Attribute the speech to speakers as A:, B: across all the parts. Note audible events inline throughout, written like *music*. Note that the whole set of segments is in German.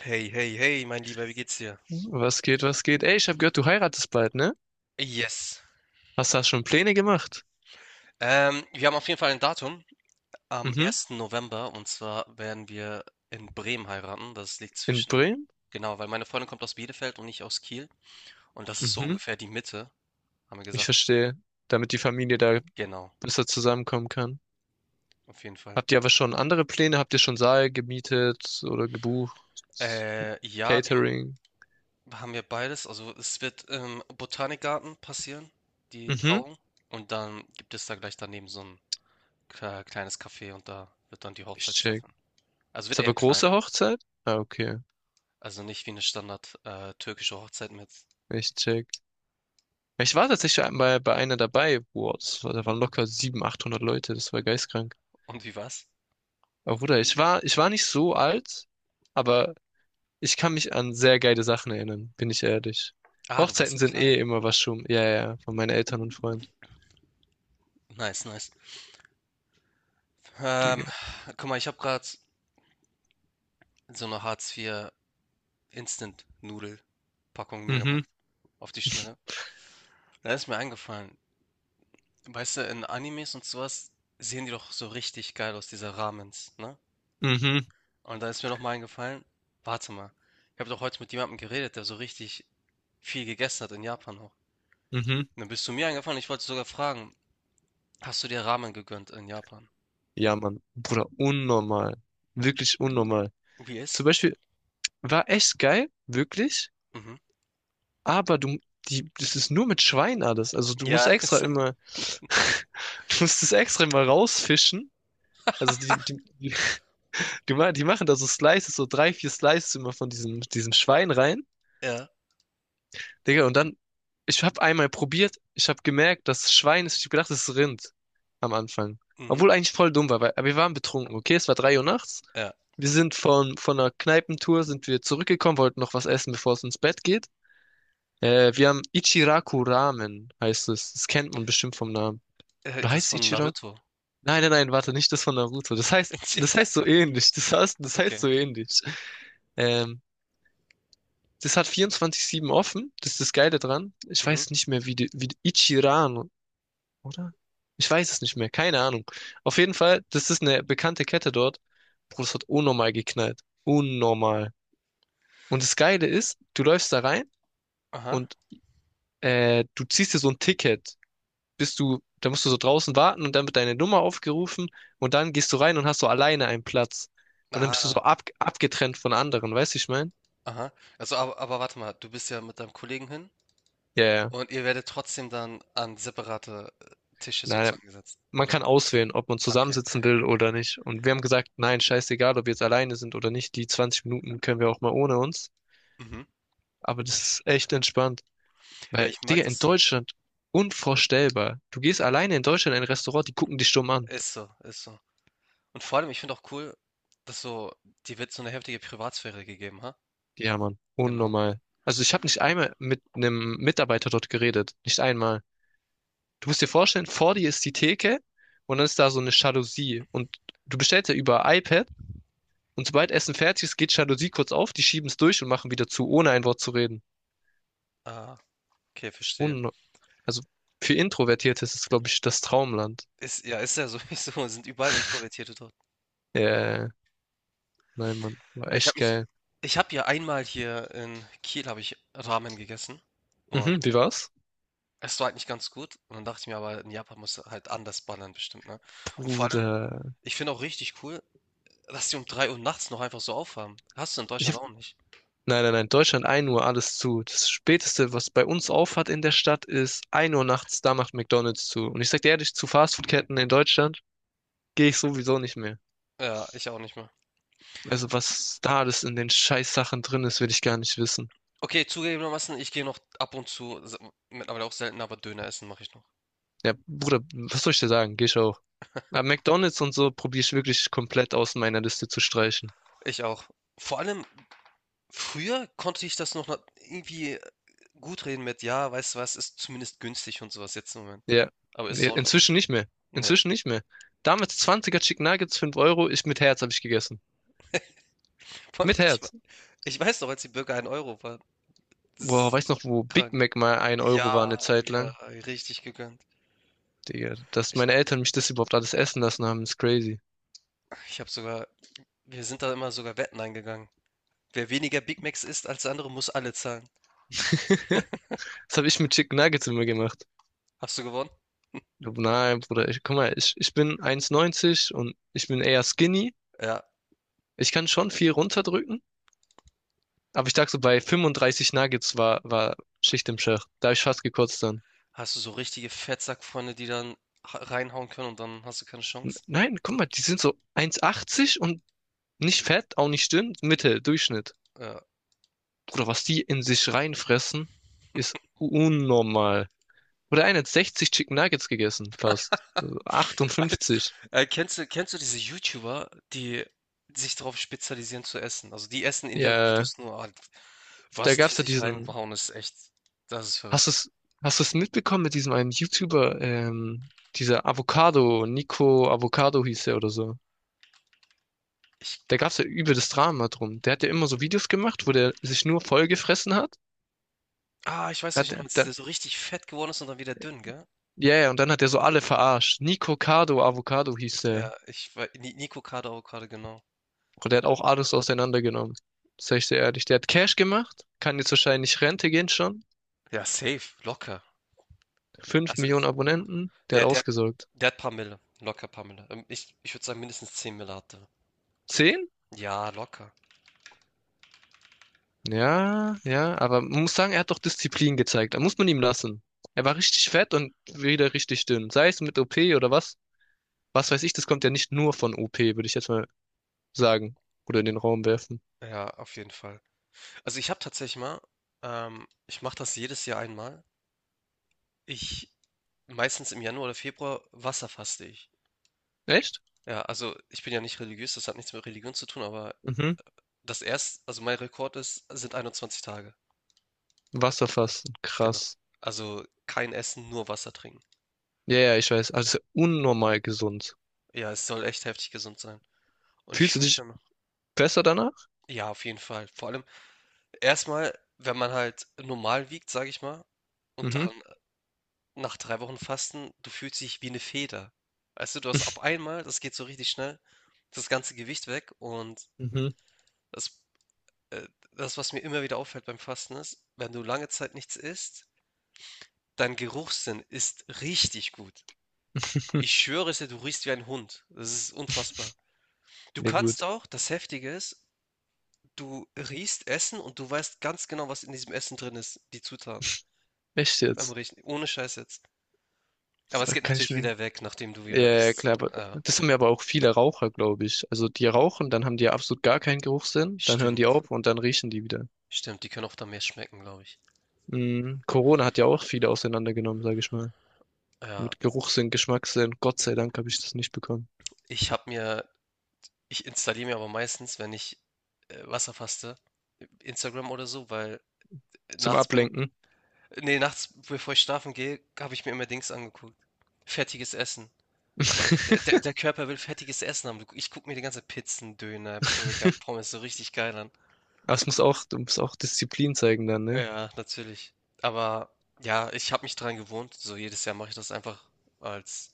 A: Hey, hey, hey, mein Lieber, wie geht's dir?
B: Was geht, was geht? Ey, ich habe gehört, du heiratest bald, ne?
A: Yes.
B: Hast du da schon Pläne gemacht?
A: Wir haben auf jeden Fall ein Datum am
B: Mhm.
A: 1. November und zwar werden wir in Bremen heiraten. Das liegt
B: In
A: zwischen,
B: Bremen?
A: genau, weil meine Freundin kommt aus Bielefeld und ich aus Kiel und das ist so
B: Mhm.
A: ungefähr die Mitte, haben wir
B: Ich
A: gesagt.
B: verstehe. Damit die Familie da
A: Genau,
B: besser zusammenkommen kann.
A: auf jeden Fall.
B: Habt ihr aber schon andere Pläne? Habt ihr schon Saal gemietet oder gebucht?
A: Ja, wir haben
B: Catering?
A: haben ja beides. Also es wird im Botanikgarten passieren, die
B: Mhm.
A: Trauung, und dann gibt es da gleich daneben so ein kleines Café, und da wird dann die
B: Ich
A: Hochzeit
B: check.
A: stattfinden. Also wird
B: Ist
A: eher
B: aber
A: klein.
B: große Hochzeit? Ah, okay.
A: Also nicht wie eine Standard, türkische Hochzeit mit,
B: Ich check. Ich war tatsächlich bei einer dabei. Boah, da waren locker 700, 800 Leute. Das war geistkrank.
A: und wie war's?
B: Aber Bruder, ich war nicht so alt. Aber ich kann mich an sehr geile Sachen erinnern, bin ich ehrlich.
A: Ah, du
B: Hochzeiten
A: warst
B: sind
A: klein.
B: eh immer was schon. Ja, ja, ja, von meinen Eltern und Freunden.
A: Nice, nice. Ähm,
B: Digga.
A: guck mal, ich habe gerade so eine Hartz-IV Instant-Nudel-Packung mir
B: Mhm,
A: gemacht auf die Schnelle. Da ist mir eingefallen, weißt du, in Animes und so was sehen die doch so richtig geil aus, diese Ramens, ne?
B: mhm,
A: Und da ist mir noch mal eingefallen, warte mal, ich habe doch heute mit jemandem geredet, der so richtig viel gegessen hat in Japan auch.
B: mhm.
A: Und dann bist du mir eingefallen, ich wollte sogar fragen, hast du dir Ramen gegönnt in Japan?
B: Ja, Mann. Bruder, unnormal. Wirklich unnormal. Zum
A: UBS?
B: Beispiel, war echt geil, wirklich.
A: Mhm.
B: Aber du, das ist nur mit Schwein alles. Also du musst
A: Ja, *laughs*
B: extra
A: es
B: immer, *laughs* du musst es extra immer rausfischen. Also die, *laughs* die machen da so Slices, so drei, vier Slices immer von diesem Schwein rein.
A: ja,
B: Digga, und dann, ich habe einmal probiert, ich habe gemerkt, dass es Schwein ist, ich habe gedacht, es ist Rind am Anfang.
A: mhm,
B: Obwohl eigentlich voll dumm war, weil, aber wir waren betrunken, okay? Es war 3 Uhr nachts.
A: ja.
B: Wir sind von einer Kneipentour, sind wir zurückgekommen, wollten noch was essen, bevor es ins Bett geht. Wir haben Ichiraku Ramen, heißt es. Das kennt man bestimmt vom Namen. Oder
A: Das
B: heißt es
A: von
B: Ichiraku?
A: Naruto.
B: Nein, nein, nein, warte, nicht das von Naruto. Das heißt
A: *laughs*
B: so ähnlich. Das heißt
A: Okay.
B: so ähnlich. Ähm, Das hat 24/7 offen. Das ist das Geile dran. Ich
A: Mhm.
B: weiß nicht mehr, Ichiran, oder? Ich weiß es nicht mehr. Keine Ahnung. Auf jeden Fall, das ist eine bekannte Kette dort. Bro, das hat unnormal geknallt. Unnormal. Und das Geile ist, du läufst da rein
A: Aha.
B: und du ziehst dir so ein Ticket. Da musst du so draußen warten und dann wird deine Nummer aufgerufen und dann gehst du rein und hast so alleine einen Platz. Und dann bist du so
A: Ah,
B: abgetrennt von anderen, weißt du, ich mein?
A: aha. Also, aber warte mal, du bist ja mit deinem Kollegen hin,
B: Ja, ja.
A: und ihr werdet trotzdem dann an separate, Tische
B: Nein,
A: sozusagen gesetzt,
B: man
A: oder
B: kann
A: wie?
B: auswählen, ob man
A: Ah, okay, okay.
B: zusammensitzen will oder nicht. Und wir haben gesagt, nein, scheißegal, ob wir jetzt alleine sind oder nicht, die 20 Minuten können wir auch mal ohne uns.
A: Mhm.
B: Aber das ist echt entspannt.
A: Ja,
B: Weil,
A: ich mag
B: Digga, in
A: das auch.
B: Deutschland unvorstellbar. Du gehst alleine in Deutschland in ein Restaurant, die gucken dich stumm an.
A: Ist so, ist so. Und vor allem, ich finde auch cool, dass so dir wird so eine heftige Privatsphäre gegeben, ha?
B: Ja, Mann,
A: Genau.
B: unnormal. Also ich habe nicht einmal mit einem Mitarbeiter dort geredet. Nicht einmal. Du musst dir vorstellen, vor dir ist die Theke und dann ist da so eine Jalousie. Und du bestellst ja über iPad und sobald Essen fertig ist, geht Jalousie kurz auf, die schieben es durch und machen wieder zu, ohne ein Wort zu reden.
A: Ah, okay,
B: Ist
A: verstehe.
B: un also für Introvertierte ist es, glaube ich, das Traumland.
A: Ist ja sowieso *laughs* sind überall Introvertierte dort.
B: Äh, nein, Mann, war
A: Ja,
B: echt geil.
A: ich habe ja einmal hier in Kiel habe ich Ramen gegessen, und
B: Mhm, wie war's?
A: es war halt nicht ganz gut. Und dann dachte ich mir aber, in Japan muss halt anders ballern bestimmt, ne? Und vor allem,
B: Bruder.
A: ich finde auch richtig cool, dass die um 3 Uhr nachts noch einfach so aufhaben. Hast du in
B: Ich hab,
A: Deutschland auch nicht.
B: nein, nein, nein, Deutschland 1 Uhr, alles zu. Das Späteste, was bei uns aufhat in der Stadt, ist 1 Uhr nachts, da macht McDonald's zu. Und ich sag dir ehrlich, zu Fastfoodketten in Deutschland gehe ich sowieso nicht mehr.
A: Ja, ich auch nicht mehr.
B: Also was da alles in den Scheißsachen drin ist, will ich gar nicht wissen.
A: Okay, zugegebenermaßen, ich gehe noch ab und zu, mittlerweile auch selten, aber Döner essen mache ich noch.
B: Ja, Bruder, was soll ich dir sagen? Geh ich auch. Aber McDonald's und so probiere ich wirklich komplett aus meiner Liste zu streichen.
A: Ich auch. Vor allem, früher konnte ich das noch irgendwie gut reden mit, ja, weißt du was, ist zumindest günstig und sowas jetzt im Moment.
B: Ja.
A: Aber ist es
B: Nee,
A: auch nicht mehr.
B: inzwischen nicht mehr.
A: Nee.
B: Inzwischen nicht mehr. Damals 20er Chicken Nuggets, 5 Euro, ich mit Herz habe ich gegessen.
A: Vor allem,
B: Mit Herz.
A: ich weiß noch, als die Burger 1 € waren. Das
B: Boah,
A: ist
B: weiß noch, wo Big
A: krank.
B: Mac mal 1 € war eine
A: Ja,
B: Zeit
A: wir
B: lang.
A: richtig gegönnt.
B: Digga, dass
A: Ich
B: meine Eltern mich das überhaupt alles essen lassen haben, ist crazy.
A: ich habe sogar wir sind da immer sogar Wetten eingegangen. Wer weniger Big Macs isst als der andere, muss alle zahlen.
B: *laughs* Das habe ich mit Chicken Nuggets immer gemacht.
A: Hast du gewonnen?
B: Nein, Bruder, ich, guck mal, ich bin eins neunzig und ich bin eher skinny.
A: Ja.
B: Ich kann schon viel runterdrücken, aber ich dachte so, bei 35 Nuggets war Schicht im Schacht. Da habe ich fast gekotzt dann.
A: Hast du so richtige Fettsackfreunde, die dann ha reinhauen können, und dann hast du keine
B: N-
A: Chance?
B: Nein, guck mal, die sind so eins achtzig und nicht fett, auch nicht dünn, Mitte, Durchschnitt.
A: Ja.
B: Bruder, was die in sich reinfressen, ist unnormal. Oder einer hat 60 Chicken Nuggets gegessen, fast. Also
A: *laughs*
B: 58.
A: Kennst du diese YouTuber, die sich darauf spezialisieren zu essen? Also, die essen in ihren
B: Ja,
A: Videos nur halt
B: da
A: was die
B: gab's ja
A: sich
B: diesen.
A: reinhauen, ist echt das ist verrückt.
B: Hast du's, hast du's mitbekommen mit diesem einen YouTuber, dieser Avocado, Nico Avocado hieß er oder so.
A: Ich
B: Da gab's ja übel das Drama drum. Der hat ja immer so Videos gemacht, wo der sich nur vollgefressen hat.
A: Ah, ich weiß,
B: Hat
A: welchen du
B: der,
A: meinst,
B: der,
A: der so richtig fett geworden ist und dann wieder dünn, gell?
B: ja, ja, und dann hat er so alle verarscht. Nico Cardo Avocado hieß der.
A: Ja, ich wei Ni Nico Kader Avocado, genau.
B: Und der hat auch alles auseinandergenommen. Sag ich dir ehrlich. Der hat Cash gemacht, kann jetzt wahrscheinlich Rente gehen schon.
A: Ja, safe, locker.
B: Fünf
A: Also,
B: Millionen Abonnenten, der
A: der,
B: hat
A: der,
B: ausgesorgt.
A: der hat paar Mille, locker paar Mille. Ich würde sagen, mindestens 10 Mille hat er.
B: 10?
A: Ja, locker.
B: Ja, ja, aber man muss sagen, er hat doch Disziplin gezeigt. Da muss man ihm lassen. Er war richtig fett und wieder richtig dünn. Sei es mit OP oder was. Was weiß ich, das kommt ja nicht nur von OP, würde ich jetzt mal sagen. Oder in den Raum werfen.
A: Ja, auf jeden Fall. Also ich habe tatsächlich mal, ich mache das jedes Jahr einmal. Ich, meistens im Januar oder Februar, wasserfaste ich.
B: Echt?
A: Ja, also ich bin ja nicht religiös, das hat nichts mit Religion zu tun, aber
B: Mhm.
A: also mein Rekord ist, sind 21 Tage.
B: Wasserfasten,
A: Genau.
B: krass.
A: Also, kein Essen, nur Wasser trinken.
B: Ja, ja, ich weiß. Also unnormal gesund.
A: Ja, es soll echt heftig gesund sein. Und ich
B: Fühlst du
A: fühle mich
B: dich
A: dann,
B: besser danach?
A: ja, auf jeden Fall. Vor allem erstmal, wenn man halt normal wiegt, sage ich mal, und
B: Mhm.
A: dann nach 3 Wochen Fasten, du fühlst dich wie eine Feder. Weißt du, du hast auf
B: *laughs*
A: einmal, das geht so richtig schnell, das ganze Gewicht weg, und
B: Mhm.
A: das äh, das, was mir immer wieder auffällt beim Fasten ist, wenn du lange Zeit nichts isst, dein Geruchssinn ist richtig gut. Ich
B: *laughs*
A: schwöre es dir, du riechst wie ein Hund. Das ist unfassbar. Du
B: Ja
A: kannst
B: gut.
A: auch, das Heftige ist, du riechst Essen und du weißt ganz genau, was in diesem Essen drin ist, die Zutaten
B: Echt
A: beim
B: jetzt?
A: Riechen, ohne Scheiß jetzt. Aber
B: Das
A: es geht
B: kann ich
A: natürlich
B: mir.
A: wieder weg, nachdem du
B: Ja,
A: wieder
B: ja, ja,
A: isst.
B: klar, aber
A: Ja,
B: das haben ja aber auch viele Raucher, glaube ich. Also die rauchen, dann haben die ja absolut gar keinen Geruchssinn, dann hören die
A: stimmt.
B: auf und dann riechen die wieder.
A: Stimmt, die können auch dann mehr schmecken, glaube ich.
B: Mhm. Corona hat ja auch viele auseinandergenommen, sage ich mal.
A: Ja,
B: Mit Geruchssinn, Geschmackssinn. Gott sei Dank habe ich das nicht bekommen.
A: ich habe mir, ich installiere mir aber meistens, wenn ich Wasserfaste, Instagram oder so, weil
B: Zum
A: nachts beim,
B: Ablenken.
A: nee, nachts bevor ich schlafen gehe, habe ich mir immer Dings angeguckt. Fertiges Essen. Der
B: *laughs*
A: Körper will fettiges Essen haben. Ich gucke mir die ganze Pizzen, Döner, Burger, Pommes so richtig geil an.
B: Aber du musst auch Disziplin zeigen dann, ne?
A: Ja, natürlich. Aber ja, ich habe mich dran gewohnt. So jedes Jahr mache ich das einfach als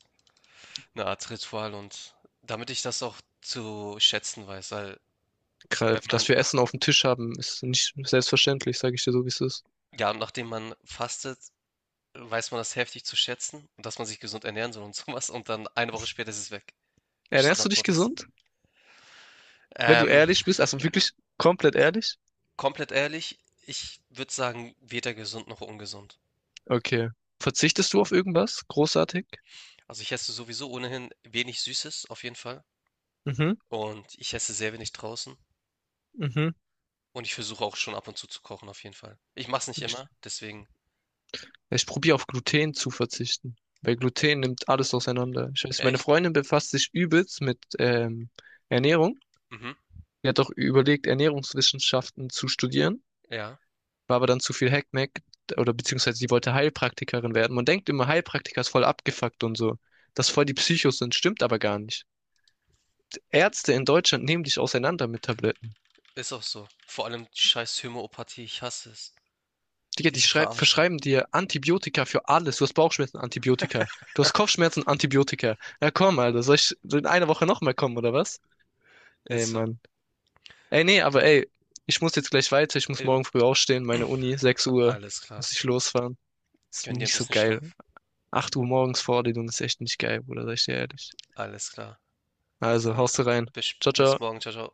A: eine Art Ritual, und damit ich das auch zu schätzen weiß, weil
B: Gra-
A: wenn man
B: Dass wir
A: nach,
B: Essen auf dem Tisch haben, ist nicht selbstverständlich, sage ich dir so, wie es ist.
A: ja, nachdem man fastet, weiß man das heftig zu schätzen und dass man sich gesund ernähren soll und *laughs* sowas, und dann eine Woche später ist es weg.
B: Ernährst du dich
A: Standardmodus.
B: gesund? Wenn du
A: Ähm,
B: ehrlich bist, also wirklich komplett ehrlich?
A: komplett ehrlich, ich würde sagen, weder gesund noch ungesund.
B: Okay. Verzichtest du auf irgendwas? Großartig?
A: Also, ich esse sowieso ohnehin wenig Süßes auf jeden Fall,
B: Mhm,
A: und ich esse sehr wenig draußen,
B: mhm.
A: und ich versuche auch schon ab und zu kochen auf jeden Fall. Ich mache es nicht
B: Ich,
A: immer, deswegen.
B: ich probiere auf Gluten zu verzichten. Weil Gluten nimmt alles auseinander. Ich weiß, meine
A: Echt?
B: Freundin befasst sich übelst mit Ernährung.
A: Mhm.
B: Die hat auch überlegt, Ernährungswissenschaften zu studieren,
A: Ja,
B: war aber dann zu viel Hackmack oder beziehungsweise sie wollte Heilpraktikerin werden. Man denkt immer, Heilpraktiker ist voll abgefuckt und so, dass voll die Psychos sind, stimmt aber gar nicht. Ärzte in Deutschland nehmen dich auseinander mit Tabletten.
A: ist auch so. Vor allem die scheiß Homöopathie, ich hasse es.
B: Digga, die
A: Diese
B: schrei-
A: Verarsche.
B: verschreiben dir Antibiotika für alles. Du hast Bauchschmerzen, Antibiotika. Du hast Kopfschmerzen, Antibiotika. Ja, komm, Alter. Soll ich in einer Woche nochmal kommen, oder was? Ey,
A: Ist so.
B: Mann. Ey, nee, aber ey, ich muss jetzt gleich weiter. Ich muss
A: Jo.
B: morgen früh aufstehen. Meine Uni, sechs
A: *clears throat*
B: Uhr.
A: Alles klar.
B: Muss ich losfahren. Ist
A: Gönn dir ein
B: nicht so
A: bisschen
B: geil.
A: Schlaf.
B: 8 Uhr morgens Vorlesung ist echt nicht geil, Bruder. Sag ich dir ehrlich.
A: Alles klar.
B: Also,
A: Dann
B: haust rein.
A: bis,
B: Ciao,
A: bis
B: ciao.
A: morgen. Ciao, ciao.